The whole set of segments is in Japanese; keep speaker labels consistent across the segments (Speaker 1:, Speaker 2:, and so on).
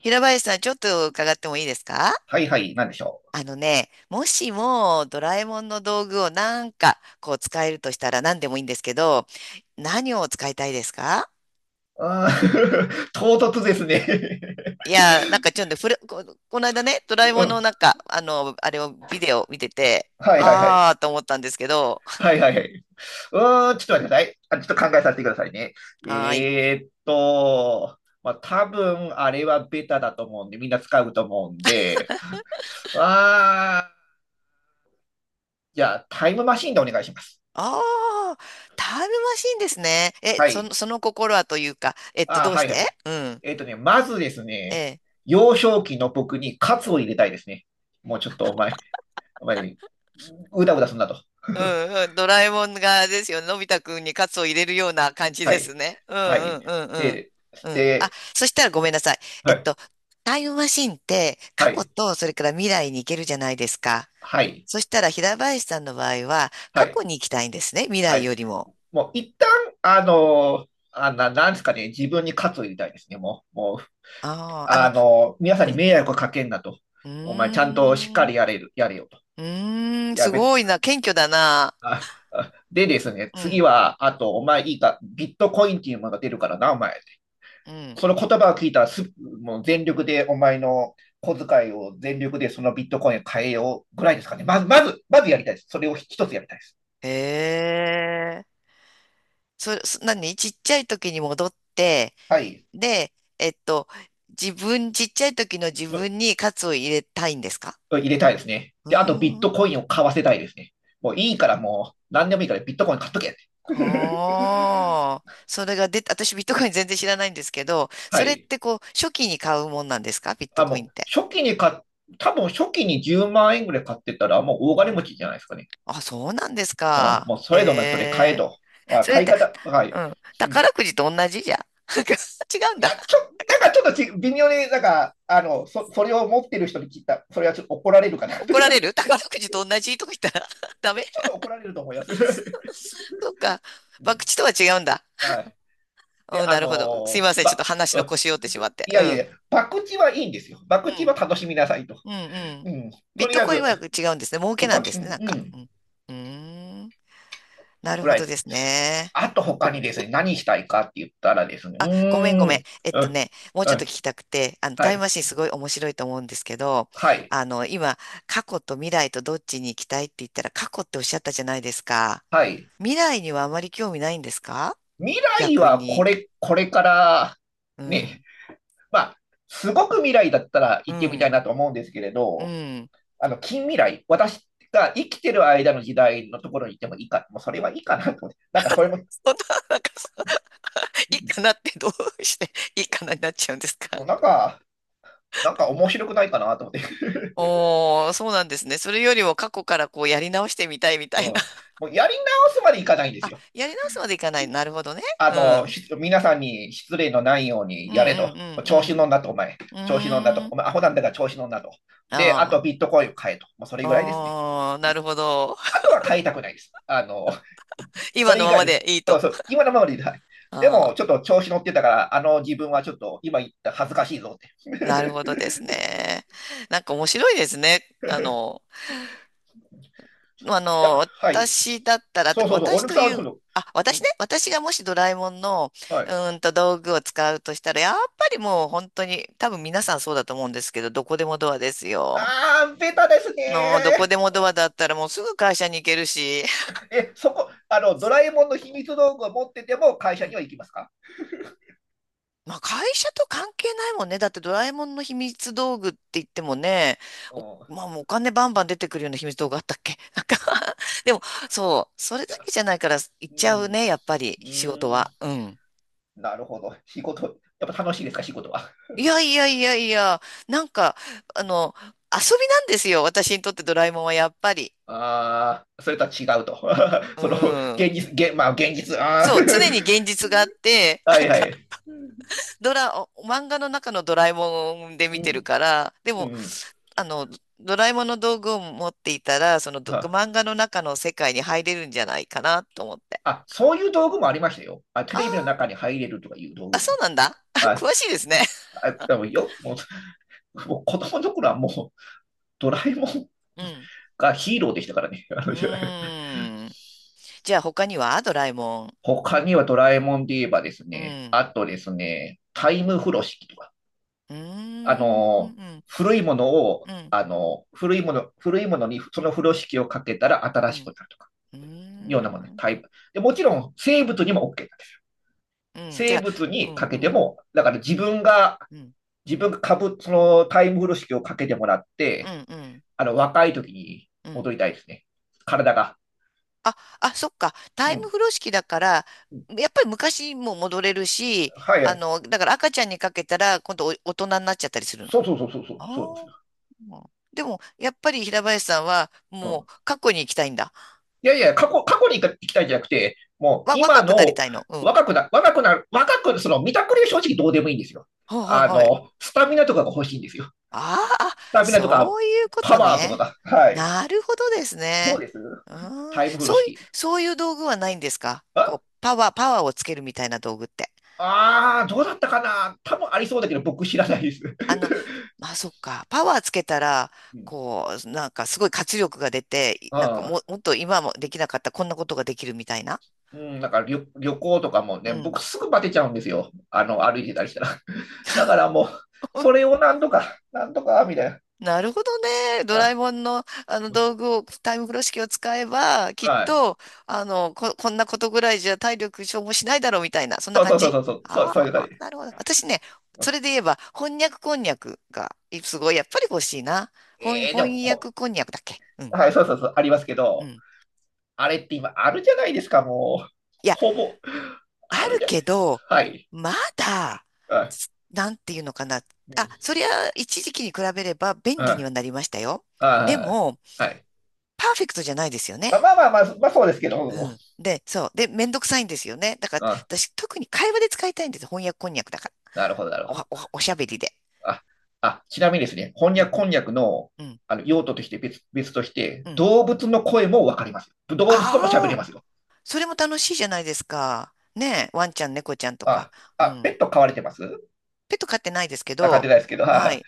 Speaker 1: 平林さん、ちょっと伺ってもいいですか？
Speaker 2: はいはい、なんでしょ
Speaker 1: あのね、もしもドラえもんの道具をなんかこう使えるとしたら何でもいいんですけど、何を使いたいですか？
Speaker 2: う。あー、 唐突ですね。
Speaker 1: いや、なんかちょっとふれ、こ、この間ね、ドラえ
Speaker 2: う
Speaker 1: もんの
Speaker 2: ん。
Speaker 1: なんか、あれをビデオ見てて、
Speaker 2: はいはいはい。
Speaker 1: あーと思ったんですけど、
Speaker 2: はいはいはい。ちょっと待ってください。あ、ちょっと考えさせてくださいね。
Speaker 1: はーい。
Speaker 2: えーっと、まあ、多分あれはベタだと思うんで、みんな使うと思うんで、あー、じゃあタイムマシンでお願いします。
Speaker 1: あー、タイムマシンですね。え、
Speaker 2: は
Speaker 1: その、
Speaker 2: い。
Speaker 1: その心はというか、
Speaker 2: あー、
Speaker 1: どうし
Speaker 2: はいは
Speaker 1: て？
Speaker 2: い。
Speaker 1: うん。
Speaker 2: まずですね、
Speaker 1: ええ。
Speaker 2: 幼少期の僕にカツを入れたいですね。もうちょっとお前、お前、うだうだすんなと。
Speaker 1: うんうん。ドラえもんがですよ。のび太くんにカツを入れるような感じ
Speaker 2: は
Speaker 1: です
Speaker 2: い、
Speaker 1: ね。うん
Speaker 2: は
Speaker 1: う
Speaker 2: い。
Speaker 1: んうんうん。
Speaker 2: で、
Speaker 1: うん。あ、
Speaker 2: で、
Speaker 1: そしたらごめんなさい。え
Speaker 2: は
Speaker 1: っ
Speaker 2: い、
Speaker 1: と、タイムマシンって過
Speaker 2: は
Speaker 1: 去
Speaker 2: い、
Speaker 1: とそれから未来に行けるじゃないですか。
Speaker 2: はい、
Speaker 1: そしたら平林さんの場合は
Speaker 2: は
Speaker 1: 過去
Speaker 2: い、
Speaker 1: に行きたいんですね。未
Speaker 2: は
Speaker 1: 来
Speaker 2: い。
Speaker 1: よりも。
Speaker 2: もう一旦、なんですかね、自分に喝を入れたいですね、もう、もう、
Speaker 1: ああ、
Speaker 2: 皆さん
Speaker 1: う
Speaker 2: に
Speaker 1: ん。
Speaker 2: 迷惑をかけんなと。
Speaker 1: う
Speaker 2: お前、ちゃんとしっ
Speaker 1: ー
Speaker 2: か
Speaker 1: ん。
Speaker 2: りやれる、やれよと。
Speaker 1: うーん。
Speaker 2: や
Speaker 1: す
Speaker 2: べ、
Speaker 1: ごいな。謙虚だな。
Speaker 2: あ、あでですね、
Speaker 1: う
Speaker 2: 次
Speaker 1: ん。
Speaker 2: は、あと、お前いいか、ビットコインっていうものが出るからな、お前。
Speaker 1: うん。
Speaker 2: その言葉を聞いたらす、もう全力でお前の小遣いを全力でそのビットコインを変えようぐらいですかね。まず、まず、まずやりたいです。それを一つやりたいです。
Speaker 1: へえ。何ちっちゃい時に戻って、
Speaker 2: はい。
Speaker 1: で、えっと、ちっちゃい時の自分にカツを入れたいんですか？
Speaker 2: 入れたいですね。
Speaker 1: う
Speaker 2: で、あとビッ
Speaker 1: ー
Speaker 2: ト
Speaker 1: ん。
Speaker 2: コインを買わせたいですね。もういいからもう、何でもいいからビットコイン買っとけって。
Speaker 1: ああ、それが出た、私ビットコイン全然知らないんですけど、そ
Speaker 2: は
Speaker 1: れっ
Speaker 2: い。
Speaker 1: てこう、初期に買うもんなんですか？ビット
Speaker 2: あ、
Speaker 1: コインっ
Speaker 2: もう、
Speaker 1: て。
Speaker 2: 初期に買っ、多分初期に10万円ぐらい買ってたら、もう大
Speaker 1: う
Speaker 2: 金持
Speaker 1: ん。
Speaker 2: ちじゃないですかね。
Speaker 1: あ、そうなんです
Speaker 2: うん。
Speaker 1: か？
Speaker 2: もうそ
Speaker 1: え
Speaker 2: れでもそれ買え
Speaker 1: え。
Speaker 2: と。
Speaker 1: それっ
Speaker 2: 買い
Speaker 1: て、
Speaker 2: 方、は
Speaker 1: う
Speaker 2: い。
Speaker 1: ん。宝くじと同じじゃん。違うん
Speaker 2: い
Speaker 1: だ。
Speaker 2: や、なんかちょっとち微妙になんか、それを持ってる人に聞いた、それはちょっと怒られるかな。 ちょ、
Speaker 1: 怒られる宝くじと同じとか言ったら ダメ。
Speaker 2: っと怒られると思います。う
Speaker 1: そっか。博
Speaker 2: ん、
Speaker 1: 打とは違うんだ。
Speaker 2: はい。で、
Speaker 1: うん、
Speaker 2: あ
Speaker 1: なるほど。すい
Speaker 2: の
Speaker 1: ませ
Speaker 2: ー
Speaker 1: ん。ちょっ
Speaker 2: ば、
Speaker 1: と話の腰折ってしまって。
Speaker 2: い
Speaker 1: う
Speaker 2: やいやい
Speaker 1: ん。
Speaker 2: や、博打はいいんですよ。博
Speaker 1: う
Speaker 2: 打
Speaker 1: ん、
Speaker 2: は楽しみなさいと。
Speaker 1: うん、うん。
Speaker 2: うん。
Speaker 1: ビ
Speaker 2: と
Speaker 1: ッ
Speaker 2: り
Speaker 1: ト
Speaker 2: あえ
Speaker 1: コイン
Speaker 2: ず、
Speaker 1: は違うんですね。儲けなん
Speaker 2: ば、
Speaker 1: で
Speaker 2: う
Speaker 1: すね、なんか。う
Speaker 2: ん、
Speaker 1: ん。うーん。なる
Speaker 2: ぐ
Speaker 1: ほ
Speaker 2: らい
Speaker 1: ど
Speaker 2: です。
Speaker 1: ですね。
Speaker 2: あと他にですね、何したいかって言ったらですね、
Speaker 1: あ、ごめんごめん。
Speaker 2: うん、
Speaker 1: もうち
Speaker 2: う
Speaker 1: ょっと聞
Speaker 2: ん、
Speaker 1: きたくて、
Speaker 2: は
Speaker 1: タイム
Speaker 2: い、
Speaker 1: マシンすごい面白いと思うんですけど、
Speaker 2: はい、
Speaker 1: 今、過去と未来とどっちに行きたいって言ったら、過去っておっしゃったじゃないですか。
Speaker 2: はい。
Speaker 1: 未来にはあまり興味ないんですか？
Speaker 2: 未来
Speaker 1: 逆
Speaker 2: は
Speaker 1: に。
Speaker 2: これから、
Speaker 1: う
Speaker 2: ね、
Speaker 1: ん。
Speaker 2: まあ、すごく未来だったら
Speaker 1: う
Speaker 2: 行ってみた
Speaker 1: ん。
Speaker 2: いなと思うんですけれ
Speaker 1: う
Speaker 2: ど、
Speaker 1: ん。
Speaker 2: 近未来、私が生きてる間の時代のところに行ってもいいか、もうそれはいいかなと思って、なんかそれも、
Speaker 1: そんな、なんか、そう、いいかなってどうしていいかなになっちゃうんですか？
Speaker 2: もうなんか面白くないかなと思って、
Speaker 1: おー、そうなんですね。それよりも過去からこうやり直してみたいみ た
Speaker 2: うん、
Speaker 1: いな。
Speaker 2: も うやり直すまでいかないんです
Speaker 1: あ、
Speaker 2: よ。
Speaker 1: やり直すまでいかない。なるほどね。うん。
Speaker 2: 皆さんに失礼のないよう
Speaker 1: う
Speaker 2: に
Speaker 1: んう
Speaker 2: やれ
Speaker 1: ん
Speaker 2: と。調子乗んなと、お前。
Speaker 1: うんう
Speaker 2: 調子乗んな
Speaker 1: ん。うー
Speaker 2: と。
Speaker 1: ん。
Speaker 2: お前、アホなんだから調子乗んなと。で、あ
Speaker 1: あ
Speaker 2: とビットコインを買えと。もうそれぐらいですね。
Speaker 1: あ。あー、なるほど。
Speaker 2: あ とは買いたくないです。そ
Speaker 1: 今
Speaker 2: れ
Speaker 1: の
Speaker 2: 以
Speaker 1: まま
Speaker 2: 外
Speaker 1: でいい
Speaker 2: の、あ、
Speaker 1: と。
Speaker 2: そう今のままでいい。はい。で
Speaker 1: あ
Speaker 2: も、
Speaker 1: あ、
Speaker 2: ちょっと調子乗ってたから、自分はちょっと今言った恥ずかしいぞって。
Speaker 1: なるほどです
Speaker 2: い
Speaker 1: ね。なんか面白いですね。
Speaker 2: や、はい。
Speaker 1: 私だったら、と
Speaker 2: そう
Speaker 1: か、
Speaker 2: そうそう、お
Speaker 1: 私
Speaker 2: ぬく
Speaker 1: と
Speaker 2: さん
Speaker 1: い
Speaker 2: は今
Speaker 1: う、
Speaker 2: 度、
Speaker 1: あ、
Speaker 2: う
Speaker 1: 私
Speaker 2: ん、
Speaker 1: ね、私がもしドラえもんの、
Speaker 2: はい。
Speaker 1: 道具を使うとしたら、やっぱりもう本当に、多分皆さんそうだと思うんですけど、どこでもドアですよ。
Speaker 2: ああ、ベタです
Speaker 1: どこ
Speaker 2: ね
Speaker 1: で
Speaker 2: ー。
Speaker 1: もドアだったらもうすぐ会社に行けるし、
Speaker 2: え、そこ、ドラえもんの秘密道具を持ってても会
Speaker 1: う
Speaker 2: 社に
Speaker 1: ん。
Speaker 2: は行きますか？
Speaker 1: まあ会社と関係ないもんね。だってドラえもんの秘密道具って言ってもね、
Speaker 2: う
Speaker 1: お、
Speaker 2: ん。い
Speaker 1: まあもうお金バンバン出てくるような秘密道具あったっけ？ なんか でも、そう、それだ
Speaker 2: や、
Speaker 1: けじゃないから行
Speaker 2: う
Speaker 1: っちゃう
Speaker 2: ん。う
Speaker 1: ね、やっぱり仕事
Speaker 2: ーん、
Speaker 1: は。うん。
Speaker 2: なるほど。仕事、やっぱ楽しいですか、仕事は。
Speaker 1: いやいやいやいや、なんか、あの、遊びなんですよ。私にとってドラえもんはやっぱり。
Speaker 2: ああ、それとは違うと。
Speaker 1: う
Speaker 2: その、
Speaker 1: ん。
Speaker 2: 現実、まあ、現実、あ
Speaker 1: そう、常に現実があって、
Speaker 2: あ、は
Speaker 1: なん
Speaker 2: いは
Speaker 1: か、
Speaker 2: い。
Speaker 1: お漫画の中のドラえもんで
Speaker 2: う
Speaker 1: 見てる
Speaker 2: ん。
Speaker 1: から、で
Speaker 2: うん
Speaker 1: も、
Speaker 2: うん、
Speaker 1: あの、ドラえもんの道具を持っていたら、そのど
Speaker 2: は
Speaker 1: 漫画の中の世界に入れるんじゃないかなと思って。
Speaker 2: あ、そういう道具もありましたよ。あ、テ
Speaker 1: あ
Speaker 2: レビの
Speaker 1: ー
Speaker 2: 中に入れるとかいう道
Speaker 1: あ、
Speaker 2: 具
Speaker 1: そ
Speaker 2: も。
Speaker 1: うなんだ。あ、
Speaker 2: あ、
Speaker 1: 詳しいですね。
Speaker 2: あ、でもよ、もう子供の頃はもう、ドラえもん
Speaker 1: うん。
Speaker 2: がヒーローでしたからね。
Speaker 1: うーん。じゃあ他にはドラえもん。
Speaker 2: 他にはドラえもんで言えばです
Speaker 1: う
Speaker 2: ね、
Speaker 1: ん。
Speaker 2: あとですね、タイム風呂敷とか、
Speaker 1: うー
Speaker 2: あ
Speaker 1: ん。う
Speaker 2: の、
Speaker 1: ん。
Speaker 2: 古いものを、
Speaker 1: うん。
Speaker 2: あの、古いもの、古いものにその風呂敷をかけたら
Speaker 1: う
Speaker 2: 新しく
Speaker 1: ん。
Speaker 2: なるとか、
Speaker 1: うー
Speaker 2: ようなものね、
Speaker 1: ん。
Speaker 2: タイム。で、もちろん生物にも OK だね。
Speaker 1: うん。じゃ
Speaker 2: 生
Speaker 1: あ、
Speaker 2: 物
Speaker 1: う
Speaker 2: に
Speaker 1: ん
Speaker 2: か
Speaker 1: う
Speaker 2: けて
Speaker 1: ん。
Speaker 2: も、だから
Speaker 1: うん。
Speaker 2: 自分がそのタイム風呂式をかけてもらっ
Speaker 1: うん
Speaker 2: て、
Speaker 1: うん。
Speaker 2: 若い時に
Speaker 1: うん。
Speaker 2: 戻りたいですね。体が。
Speaker 1: あ、あ、そっか。タ
Speaker 2: う
Speaker 1: イム
Speaker 2: ん。
Speaker 1: 風呂式だから、
Speaker 2: うん、
Speaker 1: やっぱり昔も戻れるし、
Speaker 2: はいはい。
Speaker 1: だから赤ちゃんにかけたら、今度お大人になっちゃったりするの。
Speaker 2: そうそうそうそうそう、
Speaker 1: あ
Speaker 2: そうですよ。
Speaker 1: あ。でも、やっぱり平林さんは、
Speaker 2: う
Speaker 1: も
Speaker 2: ん。
Speaker 1: う過去に行きたいんだ。
Speaker 2: いやいや、過去に行きたいんじゃなくて、もう今
Speaker 1: 若くなり
Speaker 2: の
Speaker 1: たいの。うん。
Speaker 2: 若くなる、その見たくりは正直どうでもいいんですよ。
Speaker 1: はいはい。
Speaker 2: スタミナとかが欲しいんですよ。
Speaker 1: ああ、
Speaker 2: スタミナとか、
Speaker 1: そういうこ
Speaker 2: パ
Speaker 1: と
Speaker 2: ワーとか
Speaker 1: ね。
Speaker 2: が。はい。
Speaker 1: なるほどです
Speaker 2: どう
Speaker 1: ね。
Speaker 2: です？
Speaker 1: うーん、
Speaker 2: タイム風呂
Speaker 1: そういう、
Speaker 2: 式。
Speaker 1: そういう道具はないんですか？こう、パワーをつけるみたいな道具って。
Speaker 2: ああー、どうだったかな多分ありそうだけど、僕知らないです。
Speaker 1: あの、まあ、そっか。パワーつけたら、
Speaker 2: うん、
Speaker 1: こう、なんかすごい活力が出て、なんか
Speaker 2: あ
Speaker 1: も、
Speaker 2: あ、
Speaker 1: もっと今もできなかったこんなことができるみたいな。
Speaker 2: うん、だから旅行とかも
Speaker 1: う
Speaker 2: ね、
Speaker 1: ん。
Speaker 2: 僕すぐバテちゃうんですよ。歩いてたりしたら。だからもう、それをなんとか、なんとか、みたいな。
Speaker 1: なるほどね。ドラえ
Speaker 2: あ、
Speaker 1: もんの、あの道具を、タイム風呂式を使えば、きっ
Speaker 2: はい。
Speaker 1: と、こんなことぐらいじゃ体力消耗しないだろうみたいな、そんな
Speaker 2: そう
Speaker 1: 感
Speaker 2: そうそう
Speaker 1: じ。
Speaker 2: そう、そう、そう、
Speaker 1: あ
Speaker 2: そういう
Speaker 1: あ、
Speaker 2: 感じ。
Speaker 1: なるほど。私ね、
Speaker 2: う
Speaker 1: そ
Speaker 2: ん、
Speaker 1: れで言えば、翻訳こんにゃくが、いすごい、やっぱり欲しいな。翻、
Speaker 2: で
Speaker 1: 翻
Speaker 2: も、
Speaker 1: 訳こんにゃくだっけ？うん、
Speaker 2: はい、そうそうそう、ありますけ
Speaker 1: う
Speaker 2: ど、
Speaker 1: ん。
Speaker 2: あれって今、あるじゃないですか、もう。
Speaker 1: いや、
Speaker 2: ほぼ、
Speaker 1: あ
Speaker 2: ある
Speaker 1: る
Speaker 2: じゃな
Speaker 1: け
Speaker 2: い。
Speaker 1: ど、
Speaker 2: はい。
Speaker 1: まだ、
Speaker 2: はい。
Speaker 1: なんていうのかな。
Speaker 2: う
Speaker 1: あ、
Speaker 2: ん。
Speaker 1: そりゃ、一時期に比べれば便利には
Speaker 2: は
Speaker 1: なりましたよ。
Speaker 2: い。
Speaker 1: で
Speaker 2: はい。
Speaker 1: も、
Speaker 2: はい。
Speaker 1: パーフェクトじゃないですよね。
Speaker 2: まあまあまあ、まあ、まあそうですけど、
Speaker 1: う
Speaker 2: うん。
Speaker 1: ん。で、そう。で、めんどくさいんですよね。だから、
Speaker 2: うん、
Speaker 1: 私、特に会話で使いたいんです。翻訳こんにゃくだから。
Speaker 2: なるほど、なる
Speaker 1: お
Speaker 2: ほど。
Speaker 1: おおしゃべりで。
Speaker 2: あ、あ、ちなみにですね、
Speaker 1: う
Speaker 2: 翻
Speaker 1: ん、
Speaker 2: 訳、こんにゃくの、
Speaker 1: うん、
Speaker 2: 用途として別として、
Speaker 1: うん。
Speaker 2: 動物の声もわかりますよ。動物とも喋れ
Speaker 1: ああ、
Speaker 2: ますよ。
Speaker 1: それも楽しいじゃないですか。ねえ、ワンちゃん、猫ちゃんとか。
Speaker 2: あ、
Speaker 1: う
Speaker 2: あ、ペ
Speaker 1: ん。
Speaker 2: ット飼われてます？
Speaker 1: ペット飼ってないですけ
Speaker 2: あ、飼って
Speaker 1: ど、
Speaker 2: ないですけど、
Speaker 1: は
Speaker 2: あ、
Speaker 1: い。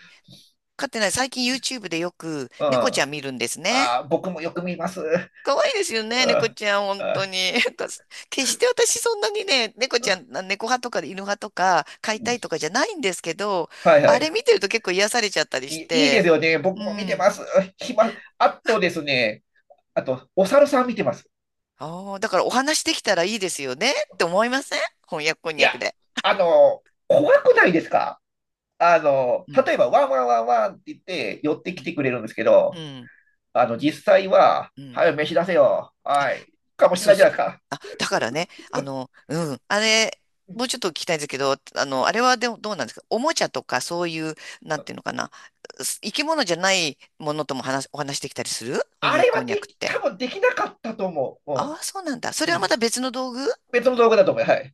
Speaker 1: 飼ってない。最近 YouTube でよく
Speaker 2: う
Speaker 1: 猫ちゃ
Speaker 2: ん。
Speaker 1: ん見るんですね。
Speaker 2: あ、僕もよく見ます。
Speaker 1: 可愛いですよね、猫
Speaker 2: あ、
Speaker 1: ちゃん、本当
Speaker 2: あ、
Speaker 1: に。なんか決して私そんなにね、猫ちゃん、猫派とか犬派とか飼い
Speaker 2: う
Speaker 1: た
Speaker 2: ん。
Speaker 1: いとかじゃないんですけど、
Speaker 2: はいは
Speaker 1: あれ
Speaker 2: い。
Speaker 1: 見てると結構癒されちゃったりし
Speaker 2: いいいで
Speaker 1: て、
Speaker 2: すよね。僕
Speaker 1: う
Speaker 2: も見て
Speaker 1: ん。
Speaker 2: ます。暇、あとですね、あと、お猿さん見てます。
Speaker 1: ああ、だからお話できたらいいですよねって思いません？翻訳こん
Speaker 2: い
Speaker 1: にゃ
Speaker 2: や、
Speaker 1: くで。
Speaker 2: 怖くないですか？
Speaker 1: うん。
Speaker 2: 例えば、ワンワンワンワンって言って寄ってきてくれるんですけ
Speaker 1: うん。う
Speaker 2: ど、
Speaker 1: ん。
Speaker 2: 実際は、
Speaker 1: うん。
Speaker 2: はい、飯出せよ。はい。かもしれ
Speaker 1: そ
Speaker 2: な
Speaker 1: う
Speaker 2: いじゃ
Speaker 1: そ
Speaker 2: な
Speaker 1: う。
Speaker 2: いですか。
Speaker 1: あ、だからね、うん、あれ、もうちょっと聞きたいんですけど、あれはでもどうなんですか？おもちゃとかそういう、なんていうのかな、生き物じゃないものともお話できたりするこ
Speaker 2: あ
Speaker 1: にゃく
Speaker 2: れ
Speaker 1: こん
Speaker 2: は
Speaker 1: にゃ
Speaker 2: で
Speaker 1: くっ
Speaker 2: き、
Speaker 1: て。
Speaker 2: 多分できなかったと思う。
Speaker 1: ああ、そ
Speaker 2: う
Speaker 1: うなんだ。それ
Speaker 2: ん。う
Speaker 1: はま
Speaker 2: ん、
Speaker 1: た別の道具
Speaker 2: 別の道具だと思う。はい。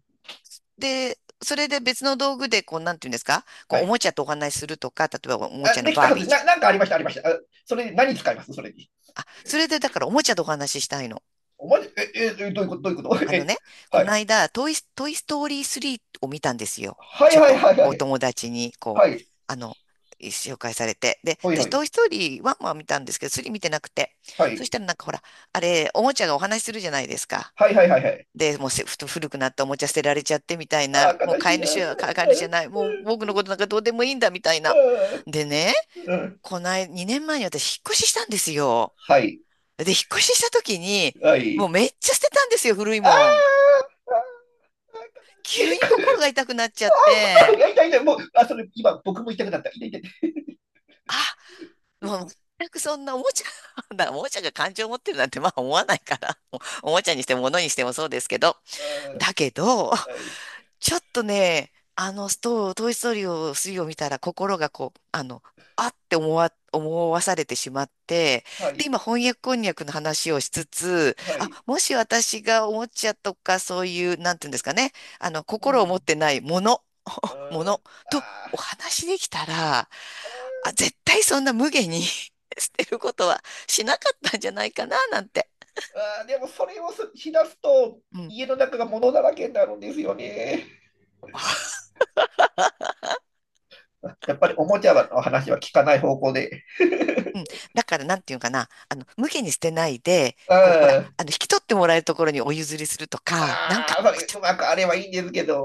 Speaker 1: で、それで別の道具で、こう、なんていうんですか？こ
Speaker 2: は
Speaker 1: う、おも
Speaker 2: い。
Speaker 1: ちゃとお話しするとか、例えばおもちゃ
Speaker 2: あ、
Speaker 1: の
Speaker 2: でき
Speaker 1: バ
Speaker 2: た
Speaker 1: ー
Speaker 2: は
Speaker 1: ビー
Speaker 2: ず。
Speaker 1: ちゃ
Speaker 2: な
Speaker 1: ん。
Speaker 2: んかありました、ありました。あ、それに何使います？それに。
Speaker 1: あ、それでだからおもちゃとお話ししたいの。
Speaker 2: お前、え、どういうこと、どういうこと？
Speaker 1: あの
Speaker 2: え、
Speaker 1: ね、こ
Speaker 2: は
Speaker 1: の
Speaker 2: い。
Speaker 1: 間、トイストーリー3を見たんですよ。
Speaker 2: は
Speaker 1: ち
Speaker 2: い
Speaker 1: ょっ
Speaker 2: はい
Speaker 1: と
Speaker 2: はいは
Speaker 1: お
Speaker 2: い。
Speaker 1: 友達に、こ
Speaker 2: は
Speaker 1: う、
Speaker 2: い。
Speaker 1: あの、紹介されて。で、
Speaker 2: ほい
Speaker 1: 私、
Speaker 2: ほ
Speaker 1: ト
Speaker 2: い。
Speaker 1: イストーリー1は見たんですけど、3見てなくて。
Speaker 2: は
Speaker 1: そし
Speaker 2: い。
Speaker 1: たらなんかほら、あれ、おもちゃがお話しするじゃないですか。
Speaker 2: はいはいはいはい。
Speaker 1: で、もうせふと古くなったおもちゃ捨てられちゃってみたいな、
Speaker 2: あ
Speaker 1: も
Speaker 2: ー、
Speaker 1: う
Speaker 2: 悲
Speaker 1: 飼
Speaker 2: し
Speaker 1: い
Speaker 2: い。あ
Speaker 1: 主
Speaker 2: ー
Speaker 1: は飼い主じゃない、もう僕のことなんかどうでもいいんだみたい
Speaker 2: あ
Speaker 1: な。
Speaker 2: ーあ
Speaker 1: でね、
Speaker 2: ー。 あー、
Speaker 1: この間、2年前に私、引っ越ししたんですよ。
Speaker 2: はい。
Speaker 1: で、引っ越しした時に、
Speaker 2: は
Speaker 1: もう
Speaker 2: い。
Speaker 1: めっちゃ捨てたんですよ、古い
Speaker 2: あ
Speaker 1: もん。
Speaker 2: ーあー、
Speaker 1: 急
Speaker 2: 悲し
Speaker 1: に
Speaker 2: い。
Speaker 1: 心が痛くなっちゃっ
Speaker 2: 痛い
Speaker 1: て、
Speaker 2: や痛い痛い、もう、あ、それ、今、僕も痛くなった。痛い痛い。
Speaker 1: あ、もう全くそんなおもちゃ、だからおもちゃが感情を持ってるなんてまあ思わないから、おもちゃにしても物にしてもそうですけど、
Speaker 2: あ
Speaker 1: だけど、
Speaker 2: ー、はい、
Speaker 1: ちょっとね、あの、ストー、トイ・ストーリーを、3を見たら心がこう、あって思わされてしまって、
Speaker 2: は
Speaker 1: で、
Speaker 2: い、
Speaker 1: 今、翻訳こんにゃくの話をしつつ、
Speaker 2: は
Speaker 1: あ、
Speaker 2: い。
Speaker 1: もし私がおもちゃとかそういう、なん
Speaker 2: う
Speaker 1: ていうんです
Speaker 2: ん、
Speaker 1: かね、
Speaker 2: う
Speaker 1: 心を持っ
Speaker 2: ん。
Speaker 1: てないもの、
Speaker 2: あ
Speaker 1: も
Speaker 2: ー
Speaker 1: のとお
Speaker 2: あ
Speaker 1: 話できたら、あ、絶対そんな無下に 捨てることはしなかったんじゃないかな、なんて。
Speaker 2: ー、あーでも、それをすしだすと、
Speaker 1: うん
Speaker 2: 家の中が物だらけになるんですよね。やっぱりおもちゃの話は聞かない方向で。
Speaker 1: うん。だから、なんていうかな。無下に捨てないで、
Speaker 2: うん。
Speaker 1: こう、ほら、
Speaker 2: あ
Speaker 1: 引き取ってもらえるところにお譲りするとか、なん
Speaker 2: あ、
Speaker 1: か、
Speaker 2: それ、うまくあればいいんですけど。